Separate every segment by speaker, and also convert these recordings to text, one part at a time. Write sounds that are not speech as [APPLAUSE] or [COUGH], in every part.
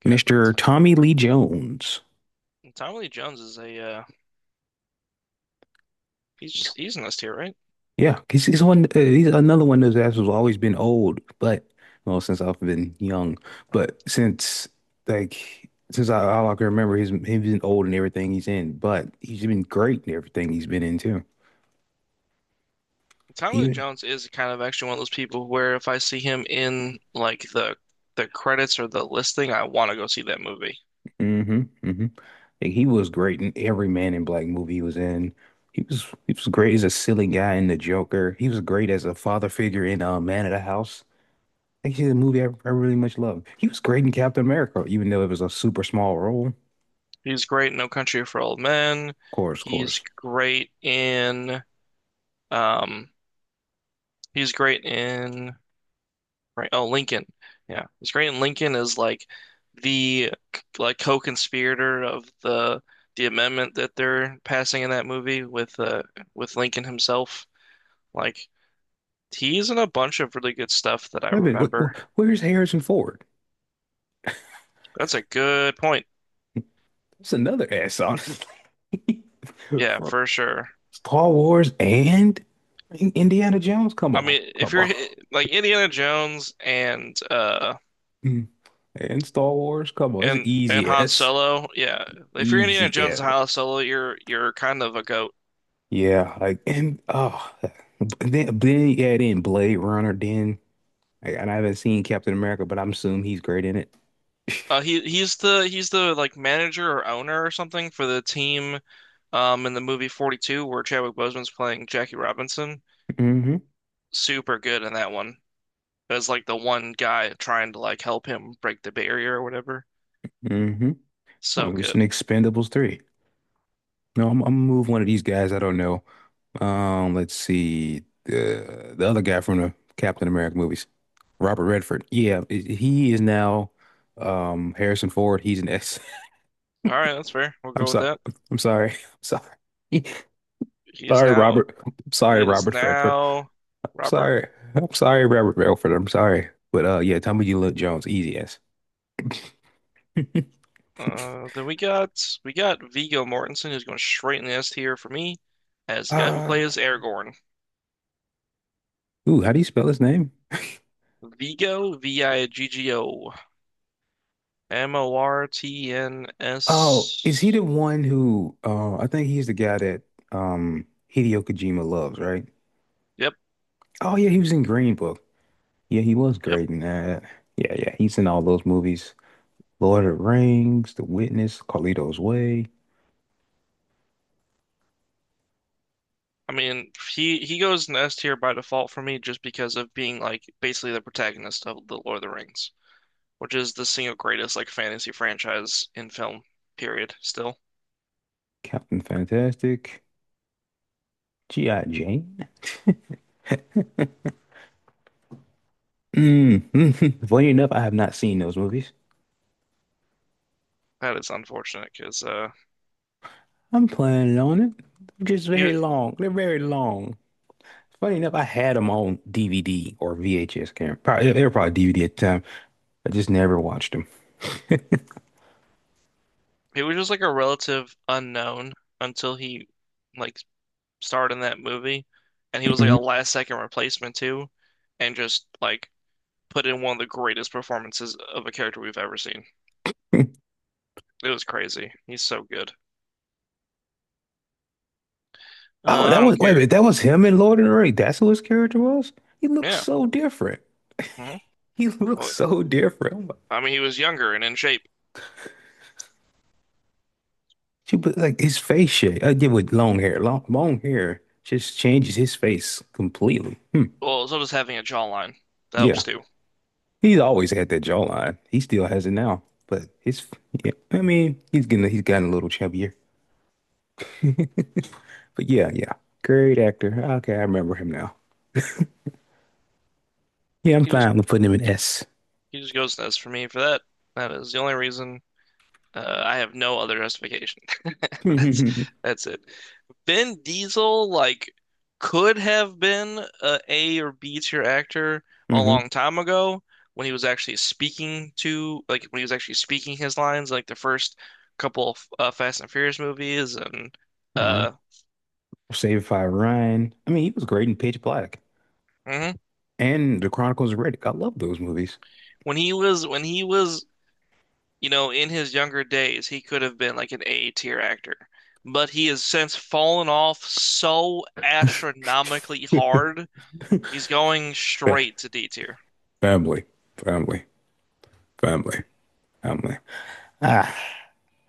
Speaker 1: Good.
Speaker 2: Mr. Tommy Lee Jones.
Speaker 1: Tommy Lee Jones is a he's just he's an this tier, right?
Speaker 2: Yeah, he's one. He's another one that's has always been old, but well, since I've been young, but since like since I all I can remember, he's been old in everything he's in, but he's been great in everything he's been in too.
Speaker 1: Tommy Lee
Speaker 2: Even
Speaker 1: Jones is kind of actually one of those people where if I see him in like the credits or the listing, I want to go see that movie.
Speaker 2: mm-hmm, mm-hmm. Like, he was great in every Man in Black movie he was in. He was great as a silly guy in The Joker. He was great as a father figure in Man of the House. Actually, a movie I really much love. He was great in Captain America, even though it was a super small role. Of
Speaker 1: He's great in No Country for Old Men.
Speaker 2: course, of
Speaker 1: He's
Speaker 2: course.
Speaker 1: great in um he's great in right, oh, Lincoln. Yeah. He's great in Lincoln is like the like co-conspirator of the amendment that they're passing in that movie with Lincoln himself. Like he's in a bunch of really good stuff that I
Speaker 2: Wait a minute, wh wh
Speaker 1: remember.
Speaker 2: where's Harrison Ford?
Speaker 1: That's a good point.
Speaker 2: That's another ass on it. [LAUGHS]
Speaker 1: Yeah,
Speaker 2: From
Speaker 1: for sure.
Speaker 2: Star Wars and Indiana Jones. Come
Speaker 1: I
Speaker 2: on,
Speaker 1: mean, if
Speaker 2: come on.
Speaker 1: you're
Speaker 2: [LAUGHS]
Speaker 1: like Indiana Jones and uh
Speaker 2: Mm. And Star Wars. Come on, it's an
Speaker 1: and and
Speaker 2: easy
Speaker 1: Han
Speaker 2: ass,
Speaker 1: Solo, yeah. If you're Indiana
Speaker 2: easy
Speaker 1: Jones and
Speaker 2: ass.
Speaker 1: Han Solo, you're kind of a goat.
Speaker 2: Yeah, like and oh, then you add in Blade Runner. Then like, and I haven't seen Captain America, but I'm assuming he's great in it.
Speaker 1: He's the like manager or owner or something for the team, in the movie 42 where Chadwick Boseman's playing Jackie Robinson.
Speaker 2: hmm
Speaker 1: Super good in that one. As like the one guy trying to like help him break the barrier or whatever.
Speaker 2: hmm
Speaker 1: So
Speaker 2: Oh, it's an
Speaker 1: good.
Speaker 2: Expendables 3. No, I'm gonna move one of these guys. I don't know. Let's see. The other guy from the Captain America movies, Robert Redford. Yeah, he is now Harrison Ford. He's an S.
Speaker 1: All right, that's fair. We'll
Speaker 2: [LAUGHS] I'm
Speaker 1: go with
Speaker 2: sorry.
Speaker 1: that.
Speaker 2: I'm sorry. I'm sorry. [LAUGHS]
Speaker 1: He is
Speaker 2: Sorry,
Speaker 1: now
Speaker 2: Robert. I'm
Speaker 1: he
Speaker 2: sorry,
Speaker 1: is
Speaker 2: Robert Redford.
Speaker 1: now Robert.
Speaker 2: Sorry. I'm sorry, Robert Redford. I'm sorry. But yeah, Tommy Lee Jones, easy ass. [LAUGHS]
Speaker 1: Then we got Viggo Mortensen, who's going straight in the S tier for me, as the guy who
Speaker 2: Uh,
Speaker 1: plays Aragorn.
Speaker 2: ooh, how do you spell his name?
Speaker 1: Viggo, Viggo,
Speaker 2: Oh, is he
Speaker 1: Mortns.
Speaker 2: the one who I think he's the guy that um Hideo Kojima loves, right?
Speaker 1: Yep,
Speaker 2: Oh yeah, he was in Green Book. Yeah, he was
Speaker 1: yep.
Speaker 2: great in that. Yeah, yeah, he's in all those movies. Lord of the Rings, The Witness, Carlito's Way,
Speaker 1: I mean, he goes in the S tier by default for me, just because of being like basically the protagonist of the Lord of the Rings, which is the single greatest like fantasy franchise in film. Period. Still.
Speaker 2: Captain Fantastic, G.I. Jane. [LAUGHS] Mm. [LAUGHS] Funny enough, I have not seen those movies.
Speaker 1: That is unfortunate because
Speaker 2: I'm planning on it. They're just
Speaker 1: he
Speaker 2: very long. They're very long. Funny enough, I had them on DVD or VHS camera. Probably, they were probably DVD at the time. I just never watched him. [LAUGHS]
Speaker 1: he was just like a relative unknown until he like starred in that movie, and he was like a last second replacement too, and just like put in one of the greatest performances of a character we've ever seen. It was crazy. He's so good.
Speaker 2: Oh,
Speaker 1: I
Speaker 2: that
Speaker 1: don't
Speaker 2: was wait a
Speaker 1: care.
Speaker 2: minute. That was him in Lord of the Rings. That's who his character was. He looks
Speaker 1: Yeah.
Speaker 2: so different.
Speaker 1: hmm
Speaker 2: He [LAUGHS] looks
Speaker 1: Well,
Speaker 2: so different. I'm like,
Speaker 1: I mean, he was younger and in shape.
Speaker 2: she put like his face shape. I did with long hair. Long hair just changes his face completely. Hmm.
Speaker 1: Well, so does having a jawline. That helps
Speaker 2: Yeah,
Speaker 1: too.
Speaker 2: he's always had that jawline. He still has it now. But his yeah, I mean, he's gotten a little chubbier. [LAUGHS] But yeah, yeah, great actor. Okay, I remember him now. Yeah, I'm
Speaker 1: He just
Speaker 2: fine with putting him in S.
Speaker 1: he just goes nuts for me for that. That is the only reason. I have no other justification.
Speaker 2: [LAUGHS]
Speaker 1: [LAUGHS] That's
Speaker 2: hmm
Speaker 1: that's it. Vin Diesel like could have been a A or B tier actor a long time ago when he was actually speaking his lines like the first couple of Fast and Furious movies and uh
Speaker 2: Saved by Ryan. I mean, he was great in Pitch Black
Speaker 1: mhm.
Speaker 2: and The Chronicles of Riddick. I love those movies.
Speaker 1: When he was in his younger days he could have been like an A tier actor. But he has since fallen off so astronomically
Speaker 2: [LAUGHS]
Speaker 1: hard. He's going straight to D tier.
Speaker 2: Family, family, family, family. Ah,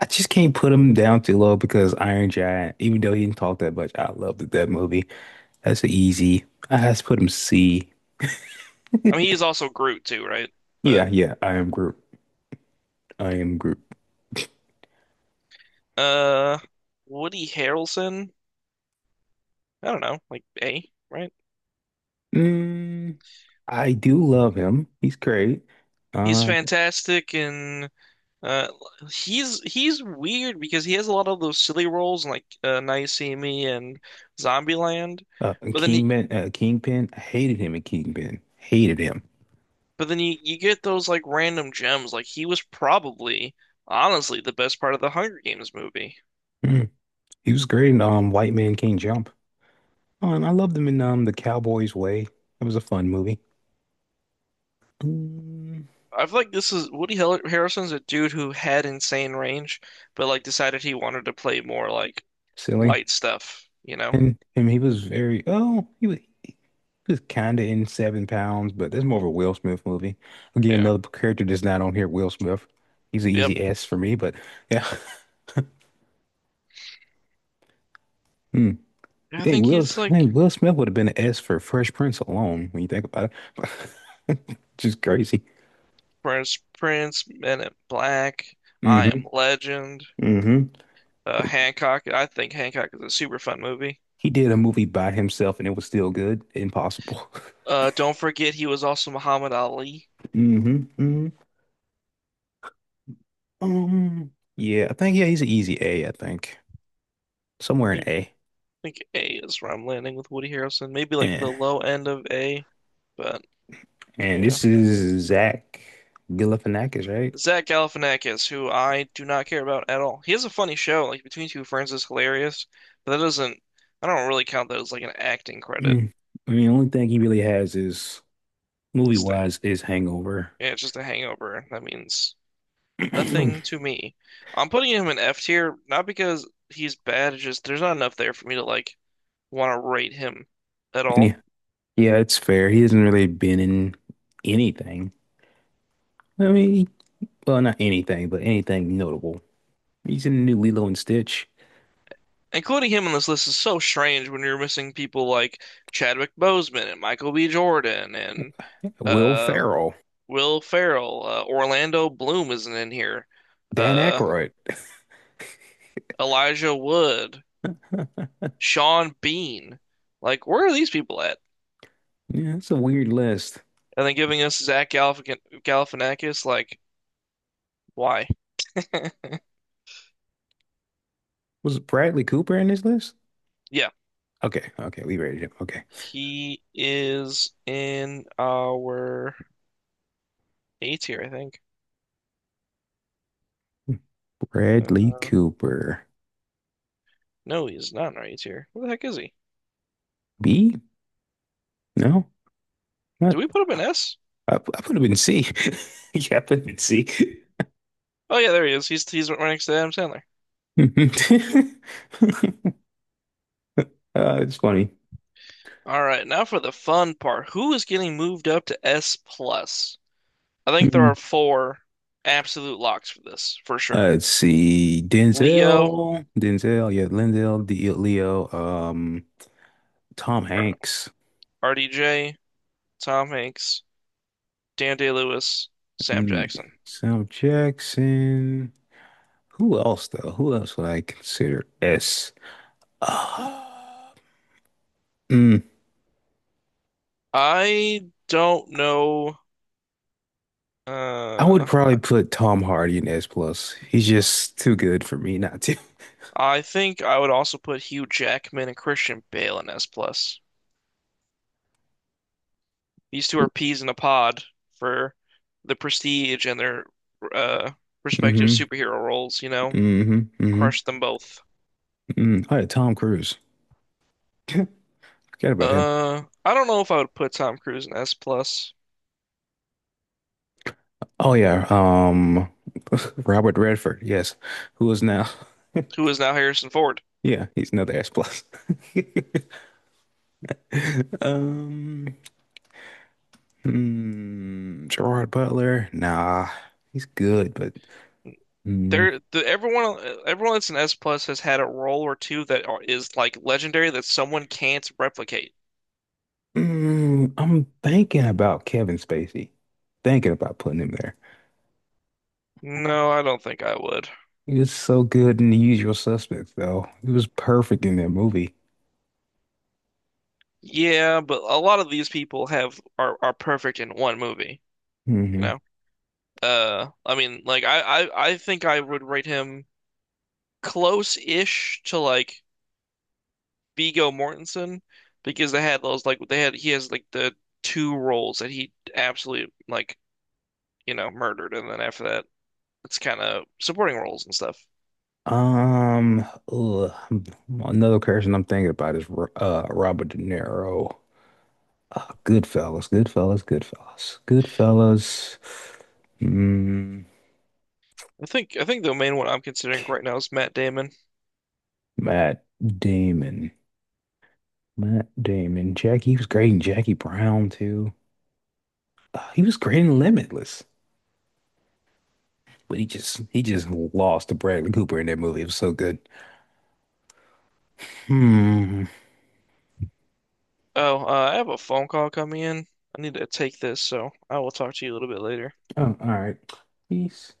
Speaker 2: I just can't put him down too low because Iron Giant, even though he didn't talk that much, I loved that movie. That's a easy. I has to put him C.
Speaker 1: I mean, he's also Groot too, right?
Speaker 2: Yeah,
Speaker 1: But
Speaker 2: yeah, I am Groot. I am Groot.
Speaker 1: uh, Woody Harrelson, I don't know, like A, right?
Speaker 2: Mm, I do love him. He's great.
Speaker 1: He's
Speaker 2: Uh,
Speaker 1: fantastic and uh, he's weird because he has a lot of those silly roles like Now You See Me and Zombieland, but then he
Speaker 2: Kingpin, Kingpin. I hated him in Kingpin. Hated him.
Speaker 1: but then you get those like random gems. Like he was probably honestly the best part of the Hunger Games movie.
Speaker 2: Mm. He was great in White Man Can't Jump. Oh, and I loved him in The Cowboy's Way. That was a fun movie. Mm,
Speaker 1: I feel like this is Woody Harrelson's a dude who had insane range, but like decided he wanted to play more like
Speaker 2: silly.
Speaker 1: light stuff, you know?
Speaker 2: And he was very, oh, he was kind of in Seven Pounds, but that's more of a Will Smith movie. Again,
Speaker 1: Yeah.
Speaker 2: another character that's not on here, Will Smith. He's an
Speaker 1: Yep.
Speaker 2: easy S for me, but yeah. [LAUGHS] Hmm. You
Speaker 1: I
Speaker 2: think
Speaker 1: think
Speaker 2: Will,
Speaker 1: he's
Speaker 2: hey,
Speaker 1: like
Speaker 2: Will Smith would have been an S for Fresh Prince alone when you think about it. [LAUGHS] Just crazy.
Speaker 1: Prince, Men in Black, I Am
Speaker 2: Mm-hmm.
Speaker 1: Legend,
Speaker 2: Mm-hmm.
Speaker 1: Hancock. I think Hancock is a super fun movie.
Speaker 2: He did a movie by himself and it was still good. Impossible.
Speaker 1: Don't forget he was also Muhammad Ali.
Speaker 2: [LAUGHS] hmm hmm Um, yeah, I think yeah, he's an easy A, I think.
Speaker 1: I
Speaker 2: Somewhere in
Speaker 1: think
Speaker 2: A.
Speaker 1: think A is where I'm landing with Woody Harrelson. Maybe like the
Speaker 2: Yeah.
Speaker 1: low end of A, but
Speaker 2: And
Speaker 1: yeah.
Speaker 2: this is Zach Galifianakis, right?
Speaker 1: Zach Galifianakis, who I do not care about at all. He has a funny show, like Between Two Ferns is hilarious, but that doesn't, I don't really count that as like an acting credit.
Speaker 2: Mm. I mean, the only thing he really has is movie
Speaker 1: It's the-
Speaker 2: wise is Hangover.
Speaker 1: yeah, it's just a hangover. That means nothing
Speaker 2: [CLEARS THROAT]
Speaker 1: to me. I'm putting him in F tier, not because he's bad, it's just there's not enough there for me to like want to rate him at
Speaker 2: And
Speaker 1: all.
Speaker 2: yeah, yeah, it's fair. He hasn't really been in anything. I mean, well, not anything, but anything notable. He's in the new Lilo and Stitch.
Speaker 1: Including him on this list is so strange when you're missing people like Chadwick Boseman and Michael B. Jordan and
Speaker 2: Will
Speaker 1: uh
Speaker 2: Ferrell,
Speaker 1: Will Ferrell, Orlando Bloom isn't in here.
Speaker 2: Dan
Speaker 1: Uh,
Speaker 2: Aykroyd.
Speaker 1: Elijah Wood,
Speaker 2: [LAUGHS]
Speaker 1: Sean Bean. Like, where are these people at?
Speaker 2: Yeah, that's a weird list.
Speaker 1: And then giving us Zach Galifianakis. Like, why? [LAUGHS]
Speaker 2: Was Bradley Cooper in this list?
Speaker 1: Yeah,
Speaker 2: Okay, okay, we rated him. Okay.
Speaker 1: he is in our A tier, I think. Uh,
Speaker 2: Bradley Cooper.
Speaker 1: no, he's not in our A tier. Where the heck is he?
Speaker 2: B? No?
Speaker 1: Do
Speaker 2: Not
Speaker 1: we put him in S?
Speaker 2: I put him in C. [LAUGHS] Yeah, I put him in C.
Speaker 1: Oh yeah, there he is. He's right next to Adam Sandler.
Speaker 2: [LAUGHS] It's funny.
Speaker 1: All right, now for the fun part. Who is getting moved up to S plus? I think there are
Speaker 2: Mhm.
Speaker 1: four absolute locks for this, for sure.
Speaker 2: Let's see.
Speaker 1: Leo,
Speaker 2: Denzel. Denzel, yeah, Lindell, D Leo, Tom
Speaker 1: R-
Speaker 2: Hanks,
Speaker 1: RDJ, Tom Hanks, Dan Day-Lewis, Sam
Speaker 2: mm,
Speaker 1: Jackson.
Speaker 2: Sam Jackson. Who else though? Who else would I consider S? Uh, mm,
Speaker 1: I don't know.
Speaker 2: I would
Speaker 1: Uh,
Speaker 2: probably put Tom Hardy in S plus. He's just too good for me not to.
Speaker 1: I think I would also put Hugh Jackman and Christian Bale in S plus. These two are peas in a pod for the prestige and their uh, respective
Speaker 2: hmm
Speaker 1: superhero roles, you know?
Speaker 2: hmm hmm
Speaker 1: Crush them both.
Speaker 2: Oh yeah, Tom Cruise. [LAUGHS] Forget about him.
Speaker 1: I don't know if I would put Tom Cruise in S plus,
Speaker 2: Oh yeah, Robert Redford. Yes, who is now? [LAUGHS]
Speaker 1: who is now Harrison Ford.
Speaker 2: Yeah, he's another S plus. [LAUGHS] Um, Gerard Butler. Nah, he's good, but mm,
Speaker 1: There, the, everyone, everyone that's an S plus has had a role or two is like legendary that someone can't replicate.
Speaker 2: I'm thinking about Kevin Spacey. Thinking about putting him there.
Speaker 1: No, I don't think I would.
Speaker 2: It's so good in The Usual Suspects, though. It was perfect in that movie.
Speaker 1: Yeah, but a lot of these people have are perfect in one movie, you
Speaker 2: hmm
Speaker 1: know? I mean, like I think I would rate him close-ish to like Viggo Mortensen because they had those like they had he has like the two roles that he absolutely like, murdered and then after that it's kind of supporting roles and stuff.
Speaker 2: Um, ugh, another person I'm thinking about is Robert De Niro. Goodfellas, Goodfellas, Goodfellas, Goodfellas. Mm,
Speaker 1: I think the main one I'm considering right now is Matt Damon.
Speaker 2: Matt Damon, Matt Damon. Jack, he was great in Jackie Brown too. He was great in Limitless, but he just lost to Bradley Cooper in that movie. It was so good. Hmm.
Speaker 1: Oh, I have a phone call coming in. I need to take this, so I will talk to you a little bit later.
Speaker 2: All right. Peace.